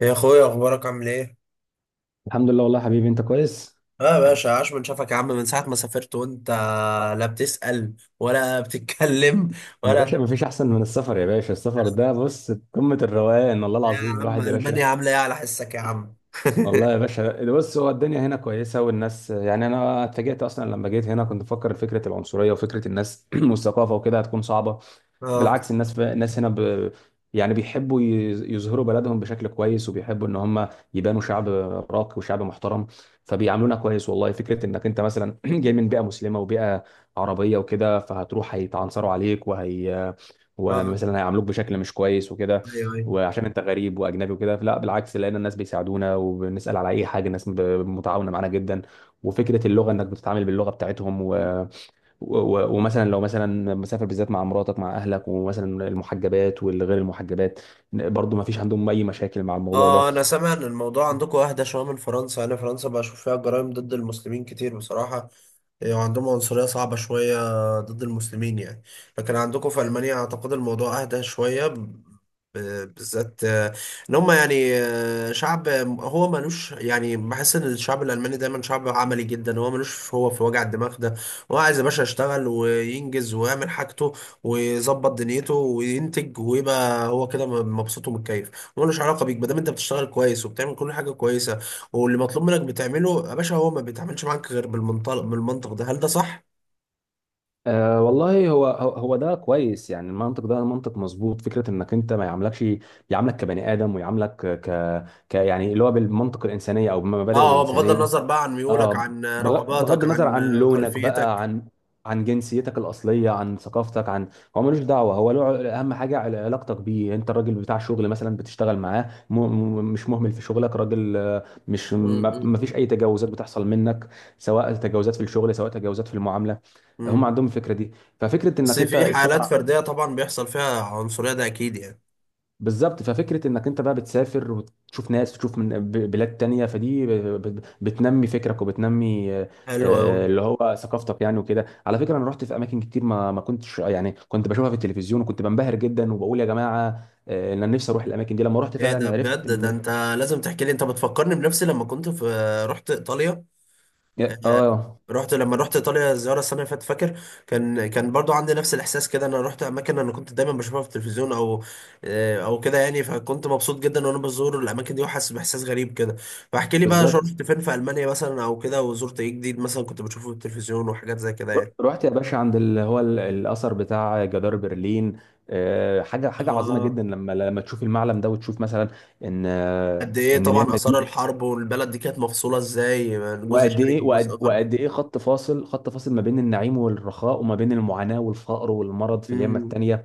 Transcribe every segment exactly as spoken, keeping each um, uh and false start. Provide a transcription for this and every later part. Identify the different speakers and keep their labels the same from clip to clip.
Speaker 1: يا اخويا، اخبارك عامل ايه؟
Speaker 2: الحمد لله والله يا حبيبي، انت كويس.
Speaker 1: اه يا باشا، عاش من شافك يا عم. من ساعة ما سافرت وانت لا بتسأل ولا بتتكلم
Speaker 2: يا
Speaker 1: ولا.
Speaker 2: باشا مفيش احسن من السفر، يا باشا السفر ده بص قمة الروقان، والله
Speaker 1: يا
Speaker 2: العظيم
Speaker 1: عم
Speaker 2: الواحد يا باشا.
Speaker 1: ألمانيا عاملة ايه على حسك يا عم؟
Speaker 2: والله يا باشا ده بص، هو الدنيا هنا كويسه والناس، يعني انا اتفاجئت اصلا لما جيت هنا، كنت بفكر فكره العنصريه وفكره الناس والثقافه وكده هتكون صعبه.
Speaker 1: اه
Speaker 2: بالعكس، الناس ف... الناس هنا، ب... يعني بيحبوا يز- يظهروا بلدهم بشكل كويس، وبيحبوا ان هم يبانوا شعب راقي وشعب محترم، فبيعاملونا كويس. والله فكره انك انت مثلا جاي من بيئه مسلمه وبيئه عربيه وكده، فهتروح هيتعنصروا عليك، وهي
Speaker 1: اه.
Speaker 2: ومثلا هيعاملوك بشكل مش كويس وكده،
Speaker 1: ايوه ايوه.
Speaker 2: وعشان انت غريب واجنبي وكده. لا بالعكس، لقينا الناس بيساعدونا، وبنسال على اي حاجه الناس ب- متعاونه معانا جدا. وفكره اللغه انك بتتعامل باللغه بتاعتهم، و... و... و- ومثلا لو مثلا مسافر بالذات مع مراتك مع اهلك، ومثلا المحجبات والغير المحجبات، برضو ما فيش عندهم اي مشاكل مع الموضوع ده.
Speaker 1: اه، انا سامع ان الموضوع عندكم اهدى شوية من فرنسا. انا فرنسا بشوف فيها جرائم ضد المسلمين كتير بصراحة، يعني عندهم عنصرية صعبة شوية ضد المسلمين يعني. لكن عندكم في ألمانيا أعتقد الموضوع أهدى شوية ب- بالذات. آه، إن هم يعني، آه، شعب هو ملوش يعني. بحس إن الشعب الألماني دايما شعب عملي جدا، هو ملوش في- هو في وجع الدماغ ده. هو عايز يا باشا يشتغل وينجز ويعمل حاجته ويظبط دنيته وينتج ويبقى هو كده مبسوط ومتكيف. ملوش علاقة بيك ما دام أنت بتشتغل كويس وبتعمل كل حاجة كويسة، واللي مطلوب منك بتعمله يا باشا. هو ما بيتعاملش معاك غير بالمنطلق بالمنطق ده. هل ده صح؟
Speaker 2: أه والله، هو هو هو ده كويس، يعني المنطق ده منطق مظبوط. فكره انك انت ما يعاملكش، يعاملك كبني ادم ويعاملك ك... ك يعني اللي هو بالمنطق الانسانيه او بالمبادئ
Speaker 1: اه، هو بغض
Speaker 2: الانسانيه.
Speaker 1: النظر بقى عن ميولك،
Speaker 2: اه،
Speaker 1: عن
Speaker 2: بغ- بغض
Speaker 1: رغباتك،
Speaker 2: النظر
Speaker 1: عن
Speaker 2: عن لونك بقى،
Speaker 1: خلفيتك.
Speaker 2: عن عن جنسيتك الأصلية، عن ثقافتك، عن هو ملوش دعوة. هو له ع- أهم حاجة عل- علاقتك بيه أنت الراجل بتاع شغل مثلا، بتشتغل معاه م... م... مش مهمل في شغلك، راجل، آه، مش ما... ما فيش
Speaker 1: امم
Speaker 2: أي تجاوزات بتحصل منك، سواء تجاوزات في الشغل سواء تجاوزات في المعاملة. هم
Speaker 1: امم
Speaker 2: عندهم الفكرة دي. ففكرة
Speaker 1: بس
Speaker 2: إنك أنت
Speaker 1: في حالات
Speaker 2: السفر،
Speaker 1: فردية طبعا بيحصل فيها عنصرية، ده اكيد يعني.
Speaker 2: بالظبط، ففكرة انك انت بقى بتسافر وتشوف ناس، تشوف من ب- بلاد تانية، فدي ب- ب- بتنمي فكرك وبتنمي آه،
Speaker 1: حلو قوي.
Speaker 2: آه، اللي هو ثقافتك يعني. وكده على فكرة، انا رحت في اماكن كتير، ما ما كنتش، يعني كنت بشوفها في التلفزيون وكنت بنبهر جدا وبقول يا جماعة، آه، إن انا نفسي اروح الاماكن دي، لما رحت
Speaker 1: ايه ده
Speaker 2: فعلا عرفت
Speaker 1: بجد؟ ده
Speaker 2: ان
Speaker 1: انت لازم تحكي لي. انت بتفكرني بنفسي لما كنت في، رحت ايطاليا.
Speaker 2: اه.
Speaker 1: رحت لما رحت ايطاليا زياره السنه اللي فاتت، فاكر؟ كان كان برضو عندي نفس الاحساس كده. انا رحت اماكن انا كنت دايما بشوفها في التلفزيون او آه، او كده يعني، فكنت مبسوط جدا وانا بزور الاماكن دي وحاسس باحساس غريب كده. فاحكي لي بقى،
Speaker 2: بالظبط،
Speaker 1: رحت فين في المانيا مثلا او كده، وزرت ايه جديد مثلا كنت بشوفه في التلفزيون وحاجات زي كده
Speaker 2: ر-
Speaker 1: يعني.
Speaker 2: رحت يا باشا عند اللي هو ال- الاثر بتاع جدار برلين. آه، حاجة حاجة عظيمة
Speaker 1: اه،
Speaker 2: جدا، لما لما تشوف المعلم ده وتشوف مثلا ان، آه،
Speaker 1: قد ايه
Speaker 2: ان
Speaker 1: طبعا
Speaker 2: اليمة
Speaker 1: اثار
Speaker 2: دي.
Speaker 1: الحرب، والبلد دي كانت مفصوله ازاي، جزء
Speaker 2: وقد
Speaker 1: شرقي
Speaker 2: ايه
Speaker 1: وجزء
Speaker 2: وقد,
Speaker 1: غربي.
Speaker 2: وقد ايه خط فاصل، خط فاصل ما بين النعيم والرخاء، وما بين المعاناة والفقر والمرض في اليمة
Speaker 1: امم
Speaker 2: التانية.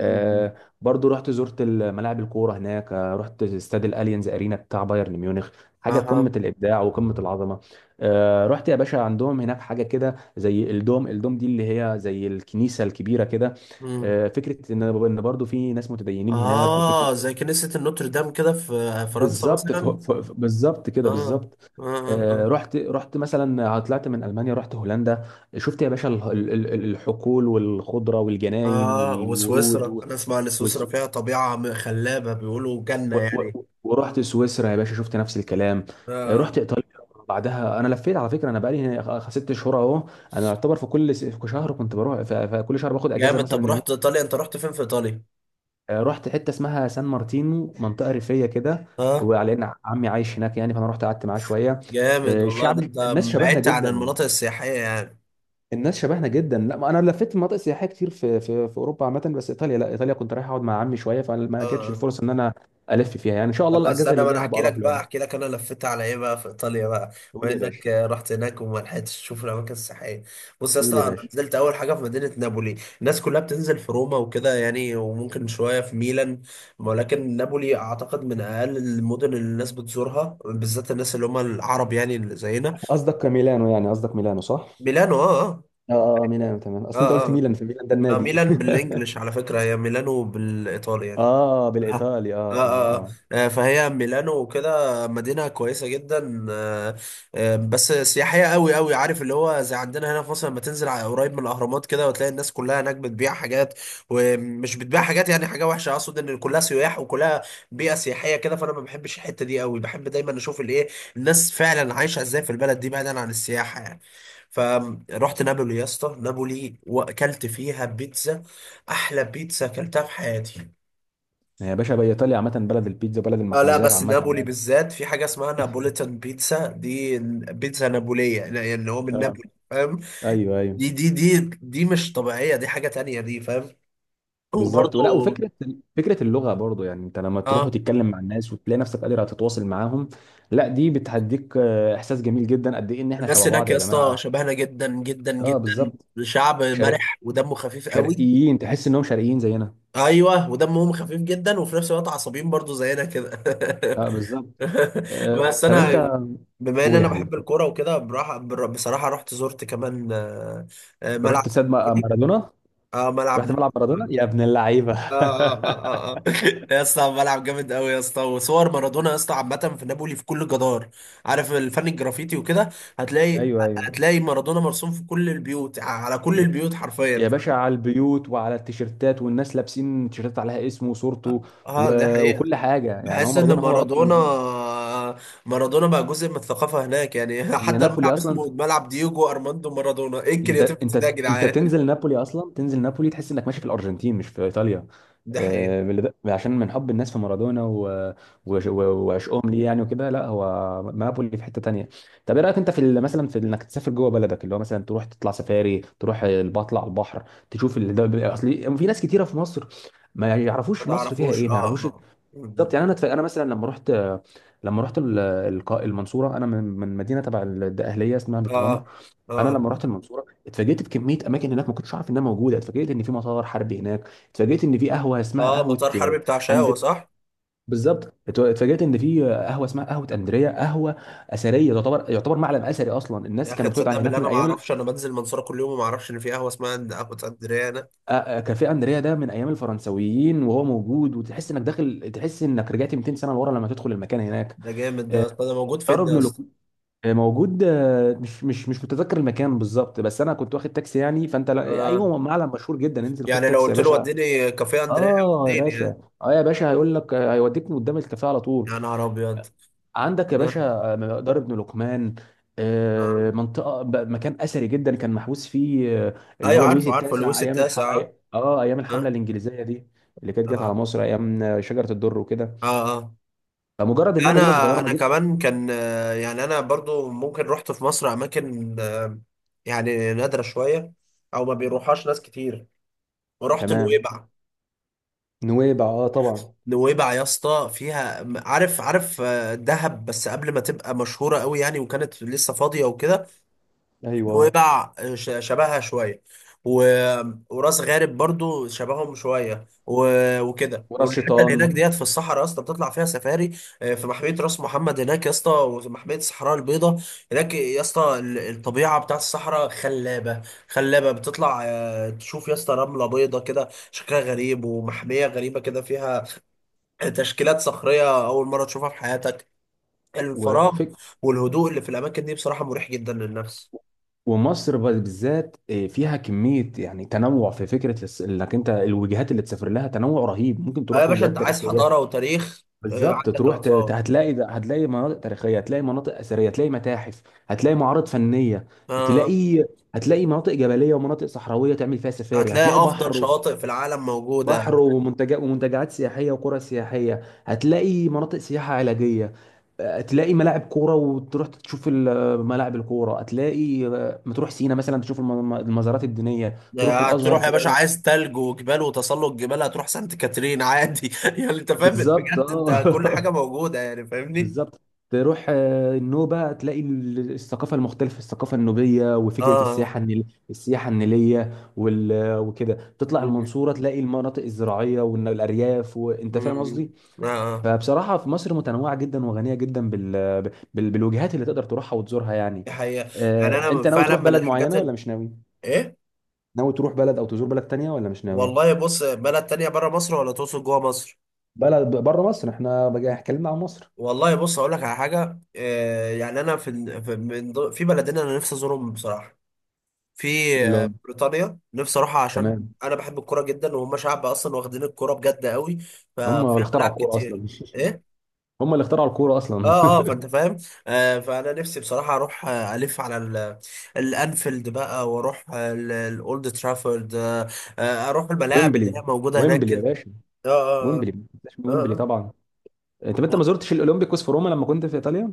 Speaker 2: آه برضو رحت زرت ملاعب الكورة هناك. آه رحت استاد الاليانز ارينا بتاع بايرن ميونخ، حاجة قمة
Speaker 1: اها.
Speaker 2: الابداع وقمة العظمة. آه رحت يا باشا عندهم هناك حاجة كده زي الدوم الدوم دي اللي هي زي الكنيسة الكبيرة كده. آه فكرة ان إن برضو في ناس متدينين هناك، وفكرة
Speaker 1: آه، زي كنيسة النوتردام كده في فرنسا
Speaker 2: بالظبط، ف-
Speaker 1: مثلا.
Speaker 2: ف- ف- بالظبط كده،
Speaker 1: آه
Speaker 2: بالظبط.
Speaker 1: آه آه
Speaker 2: آه،
Speaker 1: آه.
Speaker 2: رحت رحت مثلا، آه، طلعت من المانيا رحت هولندا. شفت يا باشا ال- ال- ال- الحقول والخضره والجناين
Speaker 1: آه،
Speaker 2: والورود،
Speaker 1: وسويسرا
Speaker 2: و-
Speaker 1: أنا أسمع إن سويسرا
Speaker 2: وس...
Speaker 1: فيها طبيعة م- خلابة، بيقولوا جنة
Speaker 2: و...
Speaker 1: يعني.
Speaker 2: و... ورحت سويسرا يا باشا، شفت نفس الكلام. آه،
Speaker 1: آه.
Speaker 2: رحت ايطاليا بعدها. انا لفيت على فكره، انا بقالي هنا خ- ست شهور اهو. انا يعتبر في كل س- في شهر كنت بروح، في في كل شهر باخد اجازه
Speaker 1: جامد. طب
Speaker 2: مثلا.
Speaker 1: رحت إيطاليا، أنت رحت فين في إيطاليا؟
Speaker 2: آه، رحت حته اسمها سان مارتينو، منطقه ريفيه كده،
Speaker 1: آه.
Speaker 2: وعلى ان عمي عايش هناك يعني، فانا رحت قعدت معاه شويه.
Speaker 1: جامد
Speaker 2: آه،
Speaker 1: والله
Speaker 2: الشعب
Speaker 1: ده. أنت
Speaker 2: الناس شبهنا
Speaker 1: بعدت عن
Speaker 2: جدا.
Speaker 1: المناطق السياحية يعني.
Speaker 2: الناس شبهنا جدا. لا ما انا لفيت مناطق سياحيه كتير في في في اوروبا عامه، بس ايطاليا لا، ايطاليا كنت رايح اقعد مع عمي شويه، فما جاتش
Speaker 1: آه.
Speaker 2: الفرصه ان انا الف فيها يعني. ان شاء الله
Speaker 1: طب بس
Speaker 2: الاجازه
Speaker 1: انا،
Speaker 2: اللي
Speaker 1: ما انا
Speaker 2: جايه
Speaker 1: احكي
Speaker 2: هبقى اروح
Speaker 1: لك
Speaker 2: له
Speaker 1: بقى،
Speaker 2: يعني.
Speaker 1: احكي لك انا لفيت على ايه بقى في ايطاليا بقى.
Speaker 2: قول
Speaker 1: بما
Speaker 2: يا باشا.
Speaker 1: انك آه، رحت هناك وما لحقتش تشوف الاماكن السياحيه، بص يا
Speaker 2: قول
Speaker 1: اسطى،
Speaker 2: يا
Speaker 1: انا
Speaker 2: باشا.
Speaker 1: نزلت اول حاجه في مدينه نابولي. الناس كلها بتنزل في روما وكده يعني، وممكن شويه في ميلان، ولكن نابولي اعتقد من اقل المدن اللي الناس بتزورها، بالذات الناس اللي هم العرب يعني اللي زينا.
Speaker 2: قصدك ميلانو يعني، قصدك ميلانو صح؟
Speaker 1: ميلانو اه.
Speaker 2: اه اه، ميلانو تمام،
Speaker 1: اه
Speaker 2: اصل انت قلت
Speaker 1: اه اه،
Speaker 2: ميلان فميلان ده
Speaker 1: ما
Speaker 2: النادي.
Speaker 1: ميلان بالانجلش على فكره، هي ميلانو بالايطالي يعني.
Speaker 2: اه
Speaker 1: آه.
Speaker 2: بالايطالي
Speaker 1: آه
Speaker 2: اه. اه
Speaker 1: آه،
Speaker 2: اه،
Speaker 1: آه، فهي ميلانو وكده، مدينة كويسة جدا. آه. آه، بس سياحية قوي قوي. عارف اللي هو زي عندنا هنا في مصر لما تنزل على- قريب من الأهرامات كده وتلاقي الناس كلها هناك بتبيع حاجات. ومش بتبيع حاجات يعني حاجة وحشة، أقصد إن كلها سياح وكلها بيئة سياحية كده. فأنا ما بحبش الحتة دي قوي، بحب دايما أشوف الإيه، الناس فعلا عايشة إزاي في البلد دي بعيدا عن السياحة يعني. فرحت نابولي يا اسطى، نابولي. وأكلت فيها بيتزا، أحلى بيتزا أكلتها في حياتي.
Speaker 2: يا باشا بقى، ايطاليا عامه بلد البيتزا، بلد
Speaker 1: اه لا،
Speaker 2: المخبوزات
Speaker 1: بس
Speaker 2: عامه
Speaker 1: نابولي
Speaker 2: يعني.
Speaker 1: بالذات في حاجة اسمها نابوليتان بيتزا دي، بيتزا نابولية يعني، اللي هو من
Speaker 2: اه
Speaker 1: نابولي، فاهم؟
Speaker 2: ايوه ايوه
Speaker 1: دي دي دي دي مش طبيعية، دي حاجة تانية دي، فاهم؟
Speaker 2: بالظبط.
Speaker 1: وبرضو
Speaker 2: ولا وفكره فكره اللغه برضو، يعني انت لما تروح
Speaker 1: اه.
Speaker 2: وتتكلم مع الناس وتلاقي نفسك قادر تتواصل معاهم، لا دي بتهديك، آه، احساس جميل جدا قد ايه ان احنا
Speaker 1: الناس
Speaker 2: شبه
Speaker 1: هناك
Speaker 2: بعض
Speaker 1: يا
Speaker 2: يا
Speaker 1: اسطى
Speaker 2: جماعه.
Speaker 1: شبهنا جدا جدا
Speaker 2: اه
Speaker 1: جدا.
Speaker 2: بالظبط،
Speaker 1: شعب
Speaker 2: شرق
Speaker 1: مرح ودمه خفيف قوي.
Speaker 2: شرقيين تحس انهم شرقيين زينا.
Speaker 1: ايوه، ودمهم خفيف جدا، وفي نفس الوقت عصبيين برضو زينا كده.
Speaker 2: اه بالظبط. آه.
Speaker 1: بس
Speaker 2: طب
Speaker 1: انا،
Speaker 2: انت،
Speaker 1: بما ان
Speaker 2: قول يا
Speaker 1: انا
Speaker 2: حبيبي
Speaker 1: بحب
Speaker 2: طب.
Speaker 1: الكوره وكده، براح- بر- بصراحه رحت زرت كمان، آه، آه، ملعب.
Speaker 2: رحت استاد ما- مارادونا.
Speaker 1: اه، ملعب
Speaker 2: رحت
Speaker 1: نجم.
Speaker 2: ملعب مارادونا يا ابن اللعيبه.
Speaker 1: اه اه اه اه. يا اسطى، ملعب جامد قوي يا اسطى. وصور مارادونا يا اسطى عامه في نابولي في كل جدار. عارف الفن الجرافيتي وكده؟ هتلاقي
Speaker 2: ايوه ايوه،
Speaker 1: هتلاقي مارادونا مرسوم في كل البيوت، على كل البيوت حرفيا.
Speaker 2: يا باشا على البيوت وعلى التيشيرتات، والناس لابسين تيشيرتات عليها اسمه وصورته، و...
Speaker 1: اه دي حقيقة.
Speaker 2: وكل حاجه يعني. هو
Speaker 1: بحس ان
Speaker 2: مارادونا هو رب
Speaker 1: مارادونا
Speaker 2: المدينه.
Speaker 1: مارادونا بقى جزء من الثقافة هناك يعني.
Speaker 2: هي
Speaker 1: حتى
Speaker 2: نابولي
Speaker 1: الملعب اسمه
Speaker 2: اصلا،
Speaker 1: ملعب دييجو ارماندو مارادونا، ايه
Speaker 2: انت
Speaker 1: الكرياتيفيتي ده يا
Speaker 2: انت انت
Speaker 1: جدعان؟
Speaker 2: تنزل نابولي اصلا، تنزل نابولي تحس انك ماشي في الارجنتين مش في ايطاليا،
Speaker 1: دي حقيقة.
Speaker 2: آه، من اللي ده- عشان من حب الناس في مارادونا، و- وش- و- وعشقهم ليه يعني وكده. لا هو نابولي في حته تانية. طب ايه رايك انت في ال- مثلا في انك تسافر جوه بلدك، اللي هو مثلا تروح تطلع سفاري، تروح ال- بطلع البحر، تشوف ال- ده بيبقى- اصل في ناس كتيره في مصر ما
Speaker 1: ما
Speaker 2: يعرفوش مصر فيها
Speaker 1: تعرفوش
Speaker 2: ايه، ما
Speaker 1: اه.
Speaker 2: يعرفوش.
Speaker 1: اه. اه
Speaker 2: بالظبط يعني، انا اتف- انا مثلا لما رحت لما رحت ال- الق- المنصوره، انا من من مدينه تبع الاهليه اسمها بتغمر.
Speaker 1: اه.
Speaker 2: انا
Speaker 1: اه.
Speaker 2: لما رحت المنصوره، اتفاجئت بكميه اماكن هناك ما كنتش عارف انها موجوده. اتفاجئت ان في مطار حربي هناك، اتفاجئت ان في قهوه اسمها
Speaker 1: اه،
Speaker 2: قهوه،
Speaker 1: مطار
Speaker 2: آه،
Speaker 1: حربي بتاع شاوة
Speaker 2: اند
Speaker 1: صح.
Speaker 2: بالظبط. ات- اتفاجئت ان في، آه، قهوه اسمها قهوه اندريا، قهوه اثريه تعتبر، يعتبر معلم اثري اصلا،
Speaker 1: يا
Speaker 2: الناس
Speaker 1: اخي
Speaker 2: كانوا
Speaker 1: تصدق
Speaker 2: بتقعد
Speaker 1: بالله
Speaker 2: هناك من
Speaker 1: انا ما
Speaker 2: ايام ال...
Speaker 1: اعرفش؟ انا بنزل المنصوره كل يوم وما اعرفش ان في قهوه اسمها عند قهوه اسكندريه؟ انا.
Speaker 2: آه، آه، كافيه اندريا ده من ايام الفرنسويين، وهو موجود، وتحس انك داخل، تحس انك رجعت مئتين سنه لورا لما تدخل المكان هناك.
Speaker 1: ده جامد ده يا
Speaker 2: آه،
Speaker 1: اسطى، ده موجود
Speaker 2: دار
Speaker 1: فين ده يا
Speaker 2: ابن
Speaker 1: اسطى؟
Speaker 2: لقي- آه، موجود، آه، مش مش مش متذكر المكان بالظبط، بس انا كنت واخد تاكسي يعني فانت لا-
Speaker 1: آه.
Speaker 2: ايوه معلم مشهور جدا، انزل خد
Speaker 1: يعني لو
Speaker 2: تاكسي يا
Speaker 1: قلت له
Speaker 2: باشا.
Speaker 1: وديني كافيه اندريا،
Speaker 2: اه يا
Speaker 1: وديني
Speaker 2: باشا،
Speaker 1: يعني.
Speaker 2: اه يا باشا، هيقول لك، هيوديك من قدام الكافيه على
Speaker 1: يا
Speaker 2: طول.
Speaker 1: نهار ابيض.
Speaker 2: عندك يا
Speaker 1: آه.
Speaker 2: باشا، آه، مقدار ابن لقمان،
Speaker 1: آه.
Speaker 2: آه، منطقه ب- مكان اثري جدا، كان محبوس فيه، آه، اللي
Speaker 1: ايوه
Speaker 2: هو لويس
Speaker 1: عارفه عارفه
Speaker 2: التاسع
Speaker 1: لويس
Speaker 2: ايام الحم... أي-
Speaker 1: التاسع.
Speaker 2: اه ايام الحمله
Speaker 1: اه.
Speaker 2: الانجليزيه دي، اللي كانت جت
Speaker 1: اه
Speaker 2: على مصر ايام، آه، شجره الدر وكده.
Speaker 1: اه. آه.
Speaker 2: فمجرد انها
Speaker 1: انا،
Speaker 2: مدينه صغيره،
Speaker 1: انا
Speaker 2: مدينه.
Speaker 1: كمان كان، آه، يعني انا برضو ممكن رحت في مصر اماكن، آه، يعني نادره شويه او ما بيروحهاش ناس كتير، ورحت
Speaker 2: تمام
Speaker 1: نويبع.
Speaker 2: نويبع اه طبعا.
Speaker 1: نويبع يا اسطى فيها، م- عارف، عارف، آه، دهب بس قبل ما تبقى مشهورة قوي يعني، وكانت لسه فاضية وكده.
Speaker 2: ايوه
Speaker 1: نويبع آه، ش- شبهها شوية، و... وراس غارب برضو شبههم شوية، و... وكده.
Speaker 2: وراس
Speaker 1: والحتة اللي هناك
Speaker 2: شيطان
Speaker 1: ديت في الصحراء يا اسطى بتطلع فيها سفاري. آه، في محمية راس محمد هناك يا اسطى ومحمية الصحراء البيضاء هناك يا اسطى. ال- الطبيعة بتاعت الصحراء خلابة، خلابة. بتطلع آه، تشوف يا اسطى رملة بيضة كده شكلها غريب، ومحمية غريبة كده فيها تشكيلات صخرية أول مرة تشوفها في حياتك. الفراغ
Speaker 2: وفك
Speaker 1: والهدوء اللي في الأماكن دي بصراحة مريح جدا للنفس.
Speaker 2: ومصر بالذات، آه، فيها كمية يعني تنوع في فكرة الس- انك انت الوجهات اللي تسافر لها تنوع رهيب، ممكن
Speaker 1: آه يا
Speaker 2: تروح
Speaker 1: باشا أنت
Speaker 2: وجهات
Speaker 1: عايز
Speaker 2: تاريخية
Speaker 1: حضارة وتاريخ. آه
Speaker 2: بالظبط.
Speaker 1: عندك
Speaker 2: تروح ت- ت-
Speaker 1: الآثار.
Speaker 2: هتلاقي ده- هتلاقي مناطق تاريخية، هتلاقي مناطق أثرية، هتلاقي متاحف، هتلاقي معارض فنية،
Speaker 1: آه،
Speaker 2: تلاقي، هتلاقي مناطق جبلية ومناطق صحراوية تعمل فيها سفاري، هتلاقي
Speaker 1: هتلاقي أفضل
Speaker 2: بحر،
Speaker 1: شواطئ في العالم موجودة.
Speaker 2: بحر ومنتجات ومنتجعات سياحيه وقرى سياحيه، هتلاقي مناطق سياحه علاجيه، هتلاقي ملاعب كوره وتروح تشوف ال- ملاعب الكوره، هتلاقي، آه، ما تروح سينا مثلا تشوف الم- المزارات الدينيه، تروح
Speaker 1: آه،
Speaker 2: الازهر
Speaker 1: هتروح يا باشا،
Speaker 2: تلاقي
Speaker 1: عايز تلج وجبال وتسلق جبال، هتروح سانت كاترين عادي. يعني أنت فاهم
Speaker 2: بالظبط
Speaker 1: بجد، أنت كل حاجة
Speaker 2: اه.
Speaker 1: موجودة يعني فاهمني.
Speaker 2: بالظبط، تروح، آه، النوبه، تلاقي ال- الثقافه المختلفه الثقافه النوبيه، وفكره
Speaker 1: آه.
Speaker 2: السياحه النيل السياحه النيليه، وال... وكده تطلع
Speaker 1: مم.
Speaker 2: المنصوره تلاقي المناطق الزراعيه والارياف، وانت فاهم
Speaker 1: مم.
Speaker 2: قصدي.
Speaker 1: آه.
Speaker 2: فبصراحة في مصر متنوعة جدا، وغنية جدا بال... بال... بالوجهات اللي تقدر تروحها وتزورها يعني.
Speaker 1: دي حقيقة. يعني
Speaker 2: آه،
Speaker 1: أنا
Speaker 2: انت ناوي
Speaker 1: فعلا
Speaker 2: تروح
Speaker 1: من
Speaker 2: بلد
Speaker 1: الحاجات
Speaker 2: معينة ولا
Speaker 1: ال-
Speaker 2: مش ناوي؟
Speaker 1: إيه.
Speaker 2: ناوي تروح بلد او تزور بلد تانية ولا مش ناوي؟
Speaker 1: والله بص، بلد تانية بره مصر ولا تقصد جوه مصر؟
Speaker 2: بلد بره مصر، احنا بقى اتكلمنا عن مصر.
Speaker 1: والله بص اقول لك على حاجة. آه، يعني انا في ال- في من ضمن- في بلدين انا نفسي ازورهم بصراحة. في
Speaker 2: اللي
Speaker 1: آه،
Speaker 2: هم
Speaker 1: بريطانيا، نفسي اروحها عشان
Speaker 2: تمام.
Speaker 1: انا بحب الكورة جدا، وهم شعب اصلا واخدين الكورة بجد قوي،
Speaker 2: هم
Speaker 1: ففي
Speaker 2: اللي اخترعوا
Speaker 1: ملاعب
Speaker 2: الكورة اصلا.
Speaker 1: كتير. ايه.
Speaker 2: هم اللي اخترعوا الكورة اصلا.
Speaker 1: اه اه، فانت فاهم. آه، فانا نفسي بصراحه اروح آه، الف على ال- الانفيلد بقى، واروح آه، ال- الاولد ترافورد، آه، آه، اروح الملاعب اللي
Speaker 2: ويمبلي،
Speaker 1: هي موجوده هناك
Speaker 2: ويمبلي يا
Speaker 1: كده.
Speaker 2: باشا،
Speaker 1: اه اه
Speaker 2: ويمبلي ما تنساش من
Speaker 1: اه،
Speaker 2: ويمبلي
Speaker 1: آه.
Speaker 2: طبعا. انت انت ما
Speaker 1: آه.
Speaker 2: زرتش الاولمبيكوس في روما لما كنت في ايطاليا؟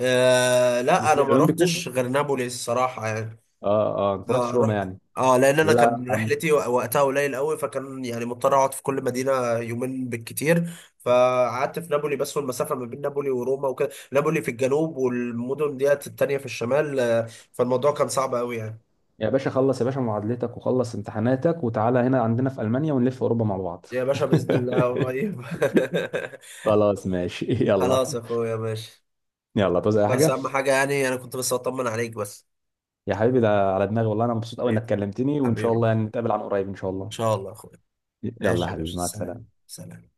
Speaker 1: آه لا، انا ما
Speaker 2: الاولمبيكو.
Speaker 1: رحتش غير نابولي الصراحه يعني.
Speaker 2: اه اه، ما
Speaker 1: آه
Speaker 2: رحتش روما
Speaker 1: رحت.
Speaker 2: يعني.
Speaker 1: اه، لان انا
Speaker 2: لا.
Speaker 1: كان رحلتي وقتها قليل قوي، فكان يعني مضطر اقعد في كل مدينه يومين بالكتير. فقعدت في نابولي بس، والمسافه ما بين نابولي وروما وكده، نابولي في الجنوب والمدن ديت التانيه في الشمال، آه، فالموضوع كان صعب قوي يعني.
Speaker 2: يا باشا خلص يا باشا معادلتك وخلص امتحاناتك وتعالى هنا عندنا في ألمانيا، ونلف أوروبا مع بعض.
Speaker 1: يا باشا باذن الله قريب.
Speaker 2: خلاص ماشي يلا.
Speaker 1: خلاص يا اخويا ماشي.
Speaker 2: يلا توزع أي
Speaker 1: بس
Speaker 2: حاجة.
Speaker 1: اهم حاجه يعني انا كنت بس اطمن عليك بس.
Speaker 2: يا حبيبي، ده على دماغي والله، أنا مبسوط أوي
Speaker 1: حبيبي،
Speaker 2: إنك كلمتني، وإن شاء
Speaker 1: حبيبي ان
Speaker 2: الله يعني نتقابل عن قريب إن شاء الله.
Speaker 1: شاء الله يا اخويا.
Speaker 2: يلا
Speaker 1: ماشي
Speaker 2: يا
Speaker 1: يا
Speaker 2: حبيبي
Speaker 1: باشا،
Speaker 2: مع
Speaker 1: سلام
Speaker 2: السلامة.
Speaker 1: سلام.